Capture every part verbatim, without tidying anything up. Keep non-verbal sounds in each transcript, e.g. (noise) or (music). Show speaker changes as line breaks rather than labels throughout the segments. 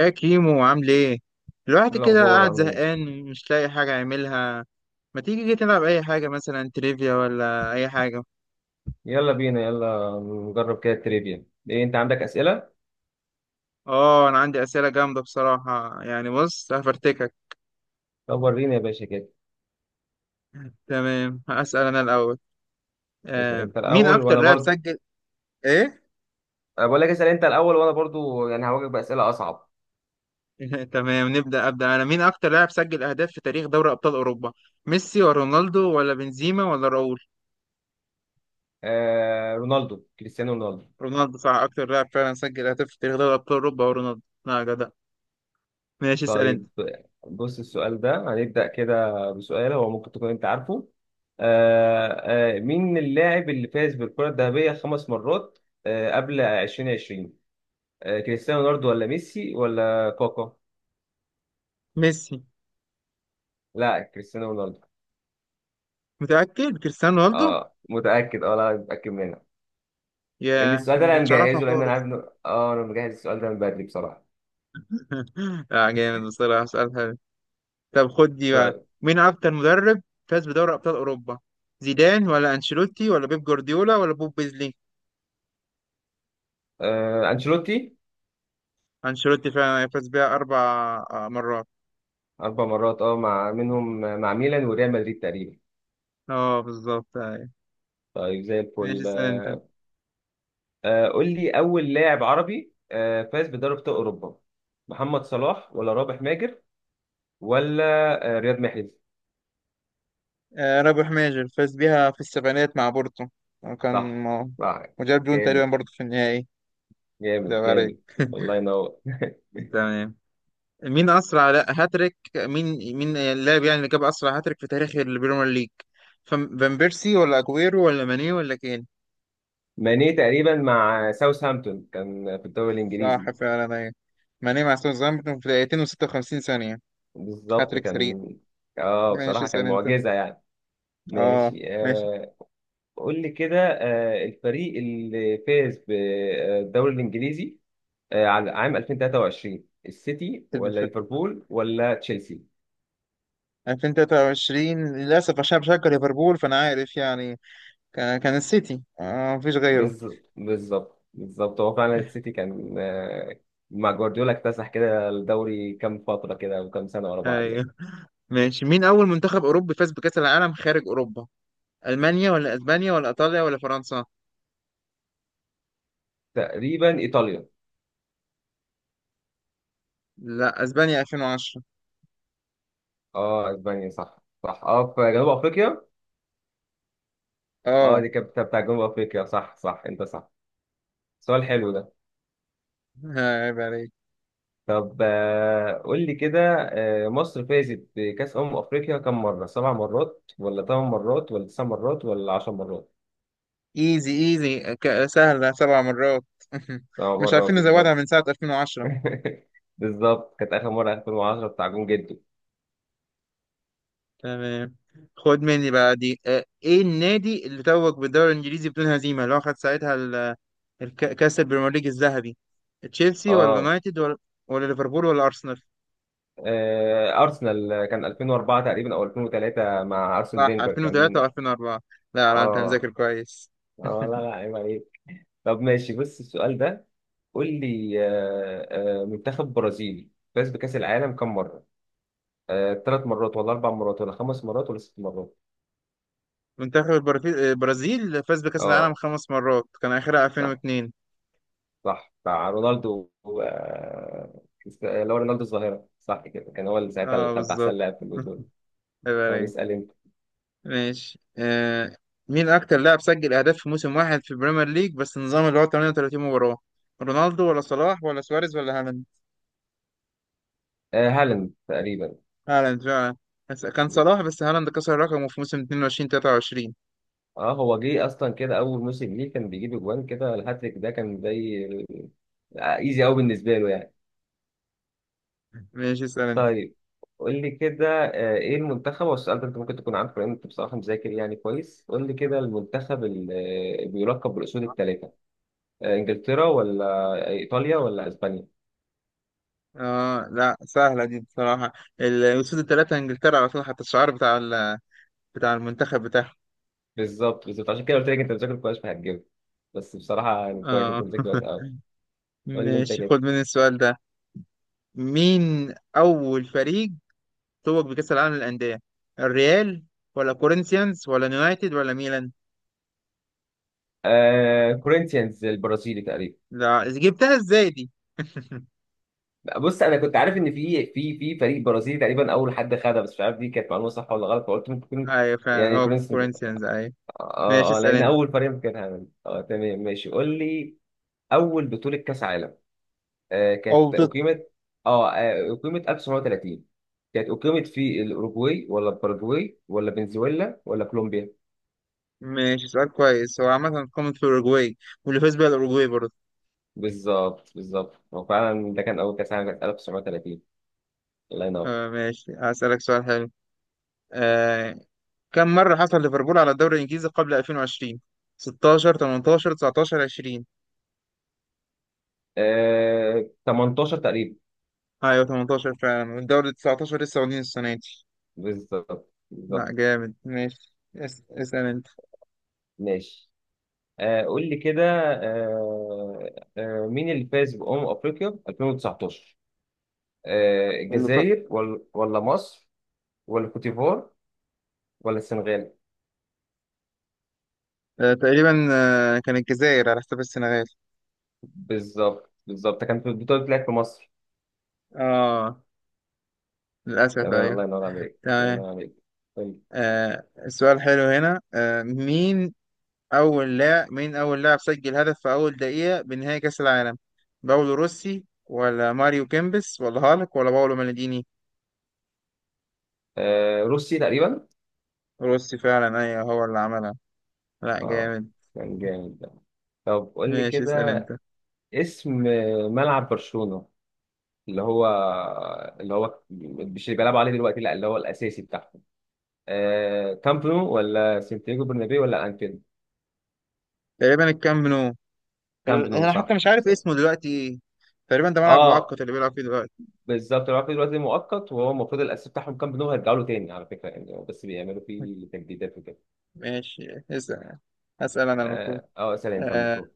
يا كيمو عامل ايه؟ الواحد
إيه
كده
الأخبار
قاعد
عامل إيه؟
زهقان مش لاقي حاجة يعملها. ما تيجي كده نلعب أي حاجة مثلا تريفيا ولا أي حاجة.
يلا بينا يلا نجرب كده التريفيا. إيه أنت عندك أسئلة؟
اه أنا عندي أسئلة جامدة بصراحة يعني بص هفرتكك.
طب وريني يا باشا كده.
تمام هسأل أنا الأول.
اسأل
آه
أنت
مين
الأول
أكتر
وأنا
لاعب
برضو.
سجل ايه؟
أنا بقول لك اسأل أنت الأول وأنا برضو يعني هواجهك بأسئلة أصعب.
(laughs) تمام نبدأ أبدأ أنا، مين أكتر لاعب سجل أهداف في تاريخ دوري أبطال أوروبا؟ ميسي ولا رونالدو ولا بنزيما ولا راؤول؟
آه رونالدو، كريستيانو رونالدو.
رونالدو صح، أكتر لاعب فعلا سجل أهداف في تاريخ دوري أبطال أوروبا هو رونالدو. لا جدع. ماشي اسأل أنت.
طيب، بص السؤال ده، هنبدأ كده بسؤال هو ممكن تكون أنت عارفه. آه آه مين اللاعب اللي فاز بالكرة الذهبية خمس مرات آه قبل ألفين وعشرين؟ آه كريستيانو رونالدو ولا ميسي ولا كاكا؟
ميسي.
لا، كريستيانو رونالدو.
متأكد كريستيانو رونالدو.
اه متأكد، اه لا متأكد منها. لأن
يا أنا
السؤال ده
ما
أنا
كنتش أعرفها
مجهزه، لأن أنا عارف
خالص.
إنه اه أنا مجهز السؤال ده من بدري بصراحة.
(laughs) لا جامد بصراحة، سؤال حلو. طب خد دي بقى،
طيب.
مين أكتر مدرب فاز بدوري أبطال أوروبا؟ زيدان ولا أنشيلوتي ولا بيب جوارديولا ولا بوب بيزلي؟
آه أنشيلوتي.
أنشيلوتي فعلا، فاز بيها أربع آه، مرات.
أربع مرات، اه، مع منهم مع ميلان وريال مدريد تقريبا.
اه بالظبط أيوة.
طيب زي
ماشي
الفل.
اسأل أنت.
آه قول لي أول لاعب عربي آه فاز بدوري أبطال أوروبا، محمد صلاح ولا رابح ماجر ولا آه رياض محرز.
آه رابح ماجر فاز بيها في السبعينات مع بورتو، وكان
صح.
م-
صح.
وجاب جون تقريبا
جامد،
برضه في النهائي. ده
جامد
عليك.
جامد. الله
(laughs)
ينور. (laughs)
تمام، مين اسرع لا هاتريك، مين مين اللاعب يعني اللي جاب اسرع هاتريك في تاريخ البريمير ليج؟ فم- فان بيرسي ولا اجويرو ولا ماني ولا كين؟
ماني تقريبا مع ساوثهامبتون كان في الدوري الإنجليزي.
صح فعلا ايوه، ماني مع ساوثهامبتون في دقيقتين و56 ثانية،
بالظبط
هاتريك سريع.
كان. اه
ماشي
بصراحة كان
اسأل انت.
معجزة يعني.
اه
ماشي.
ماشي.
آه قول لي كده، آه الفريق اللي فاز بالدوري الإنجليزي آه على عام ألفين وثلاثة وعشرين، السيتي ولا
الف-
ليفربول ولا تشيلسي؟
الفين وتلاتة وعشرين للأسف عشان بشجع ليفربول فأنا عارف يعني، كان كان السيتي، آه مفيش غيره.
بالظبط بالظبط بالظبط، هو فعلا السيتي كان، آه مع جوارديولا اكتسح كده الدوري كام فترة كده وكام سنة ورا بعض
ايوه
يعني.
ماشي، مين أول منتخب أوروبي فاز بكأس العالم خارج أوروبا؟ ألمانيا ولا أسبانيا ولا إيطاليا ولا فرنسا؟
تقريبا إيطاليا.
لا اسبانيا الفين وعشرة.
اه اسبانيا صح. صح، اه في جنوب افريقيا. اه
اه
دي كانت بتاع بتاع جنوب افريقيا. صح صح، انت صح. سؤال حلو ده.
ها، عيب عليك.
طب آه، قول لي كده، آه، مصر فازت بكأس أمم أفريقيا كم مرة؟ سبع مرات ولا ثمان مرات ولا تسع مرات ولا عشر مرات؟
ايزي ايزي ك- سهلة، سبع مرات. (laughs)
سبع
مش
مرات
عارفين نزودها
بالظبط.
من ساعة ألفين وعشرة.
(laughs) بالظبط، كانت آخر مرة ألفين وعشرة بتاع جون جدو.
تمام خد مني بقى دي، آه، ايه النادي اللي توج بالدوري الانجليزي بدون هزيمة اللي هو خد ساعتها ال- الك- كاس البريمير ليج الذهبي؟ تشيلسي ولا
اه.
يونايتد ولا ولا ليفربول ولا ارسنال؟
آه، أرسنال كان ألفين وأربعة تقريبا أو ألفين وثلاثة مع أرسن
صح
فينجر
الفين وتلاتة
كان.
و2004. لا لا انت
اه.
مذاكر كويس. (laughs)
اه لا لا عيب عليك. طب ماشي، بص السؤال ده. قول لي آه، آه، منتخب برازيل فاز بكأس العالم كم مرة؟ آه، ثلاث مرات ولا اربع مرات ولا خمس مرات ولا ست مرات؟
منتخب البرازيل البرازيل فاز بكاس العالم
اه
خمس مرات كان اخرها
صح.
الفين واتنين.
صح بتاع رونالدو و- آه، كريست- آه، اللي هو رونالدو الظاهره، صح كده كان هو اللي ساعتها اللي
اه
خد احسن
بالظبط.
لاعب في البطوله.
(laughs) هيبقى
اه
رايق.
بيسال انت.
ماشي آه، مين اكتر لاعب سجل اهداف في موسم واحد في البريمير ليج بس النظام اللي هو ثمانية وثلاثين مباراة؟ رونالدو ولا صلاح ولا سواريز ولا هالاند؟
آه هالاند تقريبا.
هالاند فعلا، بس كان صلاح، بس هالاند كسر رقمه في موسم اتنين وعشرين تلاتة وعشرين.
اه هو جه اصلا كده اول موسم ليه كان بيجيب اجوان كده، الهاتريك ده كان زي ايزي قوي بالنسبه له يعني.
ماشي اسال انت.
طيب، قول لي كده آه، ايه المنتخب، هو السؤال ده انت ممكن تكون عارفه لان انت بصراحه مذاكر يعني كويس. قول لي كده المنتخب اللي آه، بيلقب بالاسود الثلاثه، انجلترا ولا ايطاليا ولا اسبانيا؟
اه لا سهلة دي بصراحة، ال- الأسود الثلاثة انجلترا على طول، حتى الشعار بتاع ال- بتاع المنتخب بتاعهم.
بالظبط بالظبط، عشان كده قلت لك انت بتذاكر كويس فهتجيبها. بس بصراحه يعني كويس، انت
اه.
مذاكر كويس
(laughs)
قوي. قول لي انت
ماشي
كده.
خد مني السؤال ده، مين أول فريق توج بكأس العالم للأندية؟ الريال ولا كورنثيانز ولا يونايتد ولا ميلان؟
آه كورينثيانز البرازيلي تقريبا.
لا جبتها ازاي دي.
بص انا كنت عارف ان في في في فريق برازيلي تقريبا اول حد خدها، بس مش عارف دي كانت معلومه صح ولا غلط فقلت ممكن تكون
ايوه فعلا
يعني
هو
كورينثيانز.
كورنثيانز ايوه. ماشي
اه اه
اسأل
لان
انت.
اول فريق ممكن، كان هعمل اه، تمام ماشي قول لي. اول بطوله كاس عالم آه،
او
كانت
بت...
أقيمت، اه آه، أقيمت ألف وتسعمية وثلاثين، كانت أقيمت في الأوروغواي ولا الباراجواي ولا فنزويلا ولا كولومبيا؟
ماشي سؤال كويس، هو عامة قامت في الأوروجواي، واللي فاز بيها الأوروجواي برضه.
بالظبط بالظبط، هو فعلا ده كان أول كأس عالم، كانت ألف وتسعمية وثلاثين. الله ينور.
آه ماشي هسألك سؤال حلو، آه كم مرة حصل ليفربول على الدوري الإنجليزي قبل الفين وعشرين؟ ستاشر تمنتاشر تسعتاشر عشرين؟
آه تمنتاشر تقريبا.
ايوه ثمانية عشر فعلا، والدوري تسعتاشر لسه واخدين السنة دي.
بالظبط
لا
بالظبط.
جامد ماشي اس... اسأل انت.
ماشي. آه قول لي كده، آه آه مين اللي فاز بأمم أفريقيا ألفين وتسعتاشر؟ آه
اللي ف...
الجزائر ولا ولا مصر ولا كوتيفوار ولا السنغال؟
آه، تقريبا آه، كان الجزائر على حساب السنغال.
بالظبط بالظبط، كانت البطولة بتلعب في مصر.
اه للأسف
تمام، الله
أيوه.
ينور عليك، الله
تمام
ينور عليك. طيب.
آه، السؤال حلو هنا، آه مين أول لاعب مين أول لاعب سجل هدف في أول دقيقة بنهائي كأس العالم؟ باولو روسي ولا ماريو كيمبس ولا هالك ولا باولو مالديني؟
آه روسي تقريبا.
روسي فعلا أيوه هو اللي عملها. لا
اه
جامد.
كان جامد ده. طب قول لي
ماشي اسأل
كده،
أنت.
اسم ملعب برشلونة، اللي هو، اللي هو مش اللي بيلعبوا عليه دلوقتي، لا اللي هو الأساسي بتاعهم، آه كامب نو ولا سانتياغو برنابيو ولا أنفيلد؟
تقريبا الكامب نو.
كامب
ال-
نو
أنا حتى
صح
مش عارف
بالظبط.
اسمه دلوقتي إيه، تقريبا ده ملعب
اه
مؤقت اللي بيلعب فيه دلوقتي.
بالظبط، اللي هو في دلوقتي مؤقت، وهو المفروض الأساسي بتاعهم كامب نو، هيرجعوا له تاني على فكرة يعني، بس بيعملوا فيه تجديدات وكده.
ماشي اسأل، أسأل أنا المفروض.
اه آه، سلام كان
آه،
مطلوب.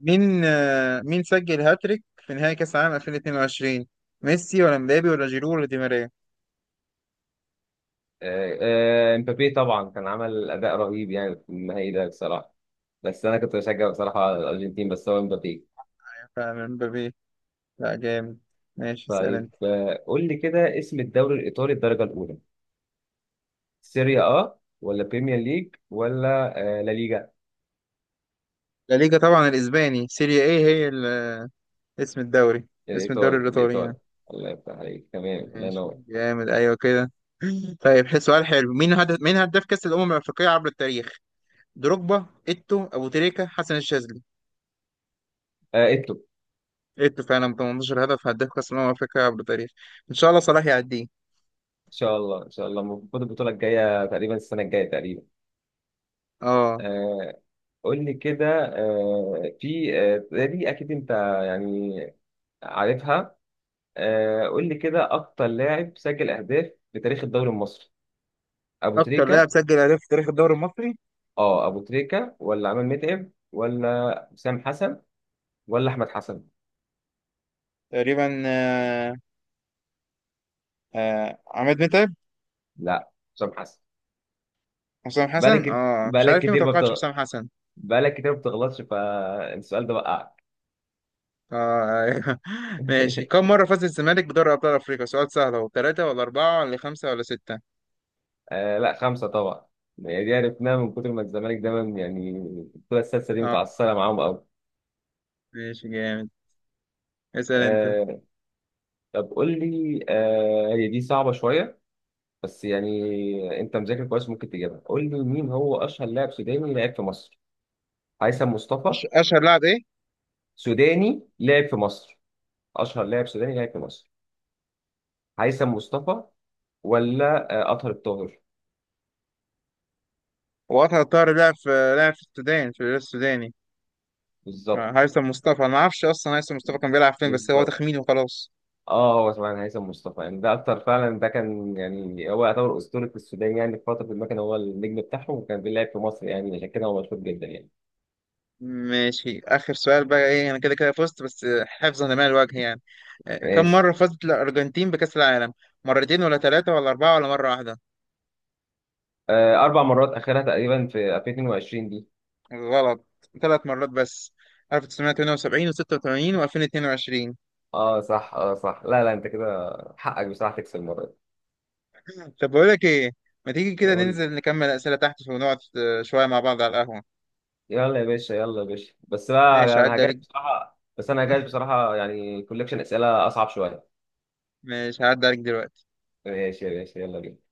مين آه، مين سجل هاتريك في نهائي كأس العالم الفين واتنين وعشرين؟ ميسي ولا مبابي ولا جيرو ولا دي ماريا؟
آه، آه، امبابي طبعا كان عمل اداء رهيب يعني في النهائي ده بصراحه، بس انا كنت بشجع بصراحه على الارجنتين، بس هو امبابي.
فعلا مبابي. لا جامد. ماشي اسأل
طيب
انت.
آه، قول لي كده، اسم الدوري الايطالي الدرجه الاولى، سيريا اه ولا بريمير ليج ولا آه، لا ليجا؟
لا ليجا طبعا الاسباني، سيريا ايه هي ال- اسم الدوري اسم الدوري
الايطالي،
الايطالي
الايطالي.
يعني.
الله يفتح عليك، تمام، الله
ماشي
ينور.
جامد ايوه كده. طيب حس- سؤال حلو، مين هدف مين هداف كأس الامم الافريقية عبر التاريخ؟ دروجبا، ايتو، ابو تريكة، حسن الشاذلي؟
آه، اتو.
ايتو فعلا ب ثمانية عشر هدف، هداف كأس الامم الافريقية عبر التاريخ. ان شاء الله صلاح يعديه.
ان شاء الله، ان شاء الله، المفروض البطوله الجايه تقريبا، السنه الجايه تقريبا.
اه
آه، قول لي كده آه، في آه، دي اكيد انت يعني عارفها. آه، قول لي كده، اكتر لاعب سجل اهداف في تاريخ الدوري المصري، ابو
اكتر لاعب
تريكة
سجل اهداف في تاريخ الدوري المصري.
اه، ابو تريكة ولا عماد متعب ولا حسام حسن ولا احمد حسن؟
تقريبا آه، آه، عماد متعب.
لا، حسام حسن.
حسام
بقالك
حسن،
كت-
اه مش
بقالك
عارف ليه ما
كتير ما
توقعتش
بتغ...
حسام حسن.
بقالك كتير ما بتغلطش، فالسؤال ده وقعك.
اه أيوه. (laughs) ماشي، كم
(laughs)
مرة فاز الزمالك بدوري أبطال أفريقيا؟ سؤال سهل اهو، ثلاثة ولا أربعة ولا خمسة ولا ستة؟
آه لا، خمسة طبعا. هي دي عرفناها من كتر ما الزمالك دايما يعني الكرة السادسة دي
اه
متعصبة معاهم قوي.
ماشي جامد. اسأل أنت.
آه. طب قول لي آه، هي دي صعبة شوية بس يعني انت مذاكر كويس ممكن تجيبها. قول لي مين هو اشهر لاعب سوداني لعب في مصر، هيثم مصطفى،
أش... أشهر لاعب إيه؟
سوداني لعب في مصر، اشهر لاعب سوداني لعب في مصر، هيثم مصطفى ولا آه، اطهر الطاهر؟
هو أطهر طاهر لعب في لعب في السودان في الهلال السوداني،
بالظبط
فهيثم مصطفى أنا ما أعرفش أصلا هيثم مصطفى كان بيلعب فين، بس هو
بالظبط.
تخمين وخلاص.
اه هو طبعا هيثم مصطفى يعني ده اكتر، فعلا ده كان يعني هو يعتبر اسطوره السودان يعني، في فتره ما كان هو النجم بتاعهم وكان بيلعب في مصر يعني، عشان كده هو مشهور جدا يعني.
ماشي آخر سؤال بقى، إيه أنا كده كده فزت بس حفظا لما الوجه يعني. آه، كم
ماشي.
مرة فازت الأرجنتين بكأس العالم؟ مرتين ولا ثلاثة ولا أربعة ولا مرة واحدة؟
آه، اربع مرات اخرها تقريبا في ألفين واتنين وعشرين دي.
غلط، ثلاث مرات بس، الف وتسعمية وتمنية وسبعين و86 و2022.
اه صح، اه صح، لا لا انت كده حقك بصراحه تكسب المره دي.
طب بقول لك إيه، ما تيجي كده
يعني قول لي.
ننزل نكمل أسئلة تحت ونقعد آه، شوية مع بعض على القهوة.
يلا يا باشا، يلا يا باشا، بس
ماشي
بقى انا
هعدي
هجاش
عليك،
بصراحه، بس انا هجاش بصراحه يعني، كولكشن اسئله اصعب شويه.
ماشي هعدي عليك دلوقتي.
ماشي يا باشا، يلا بينا.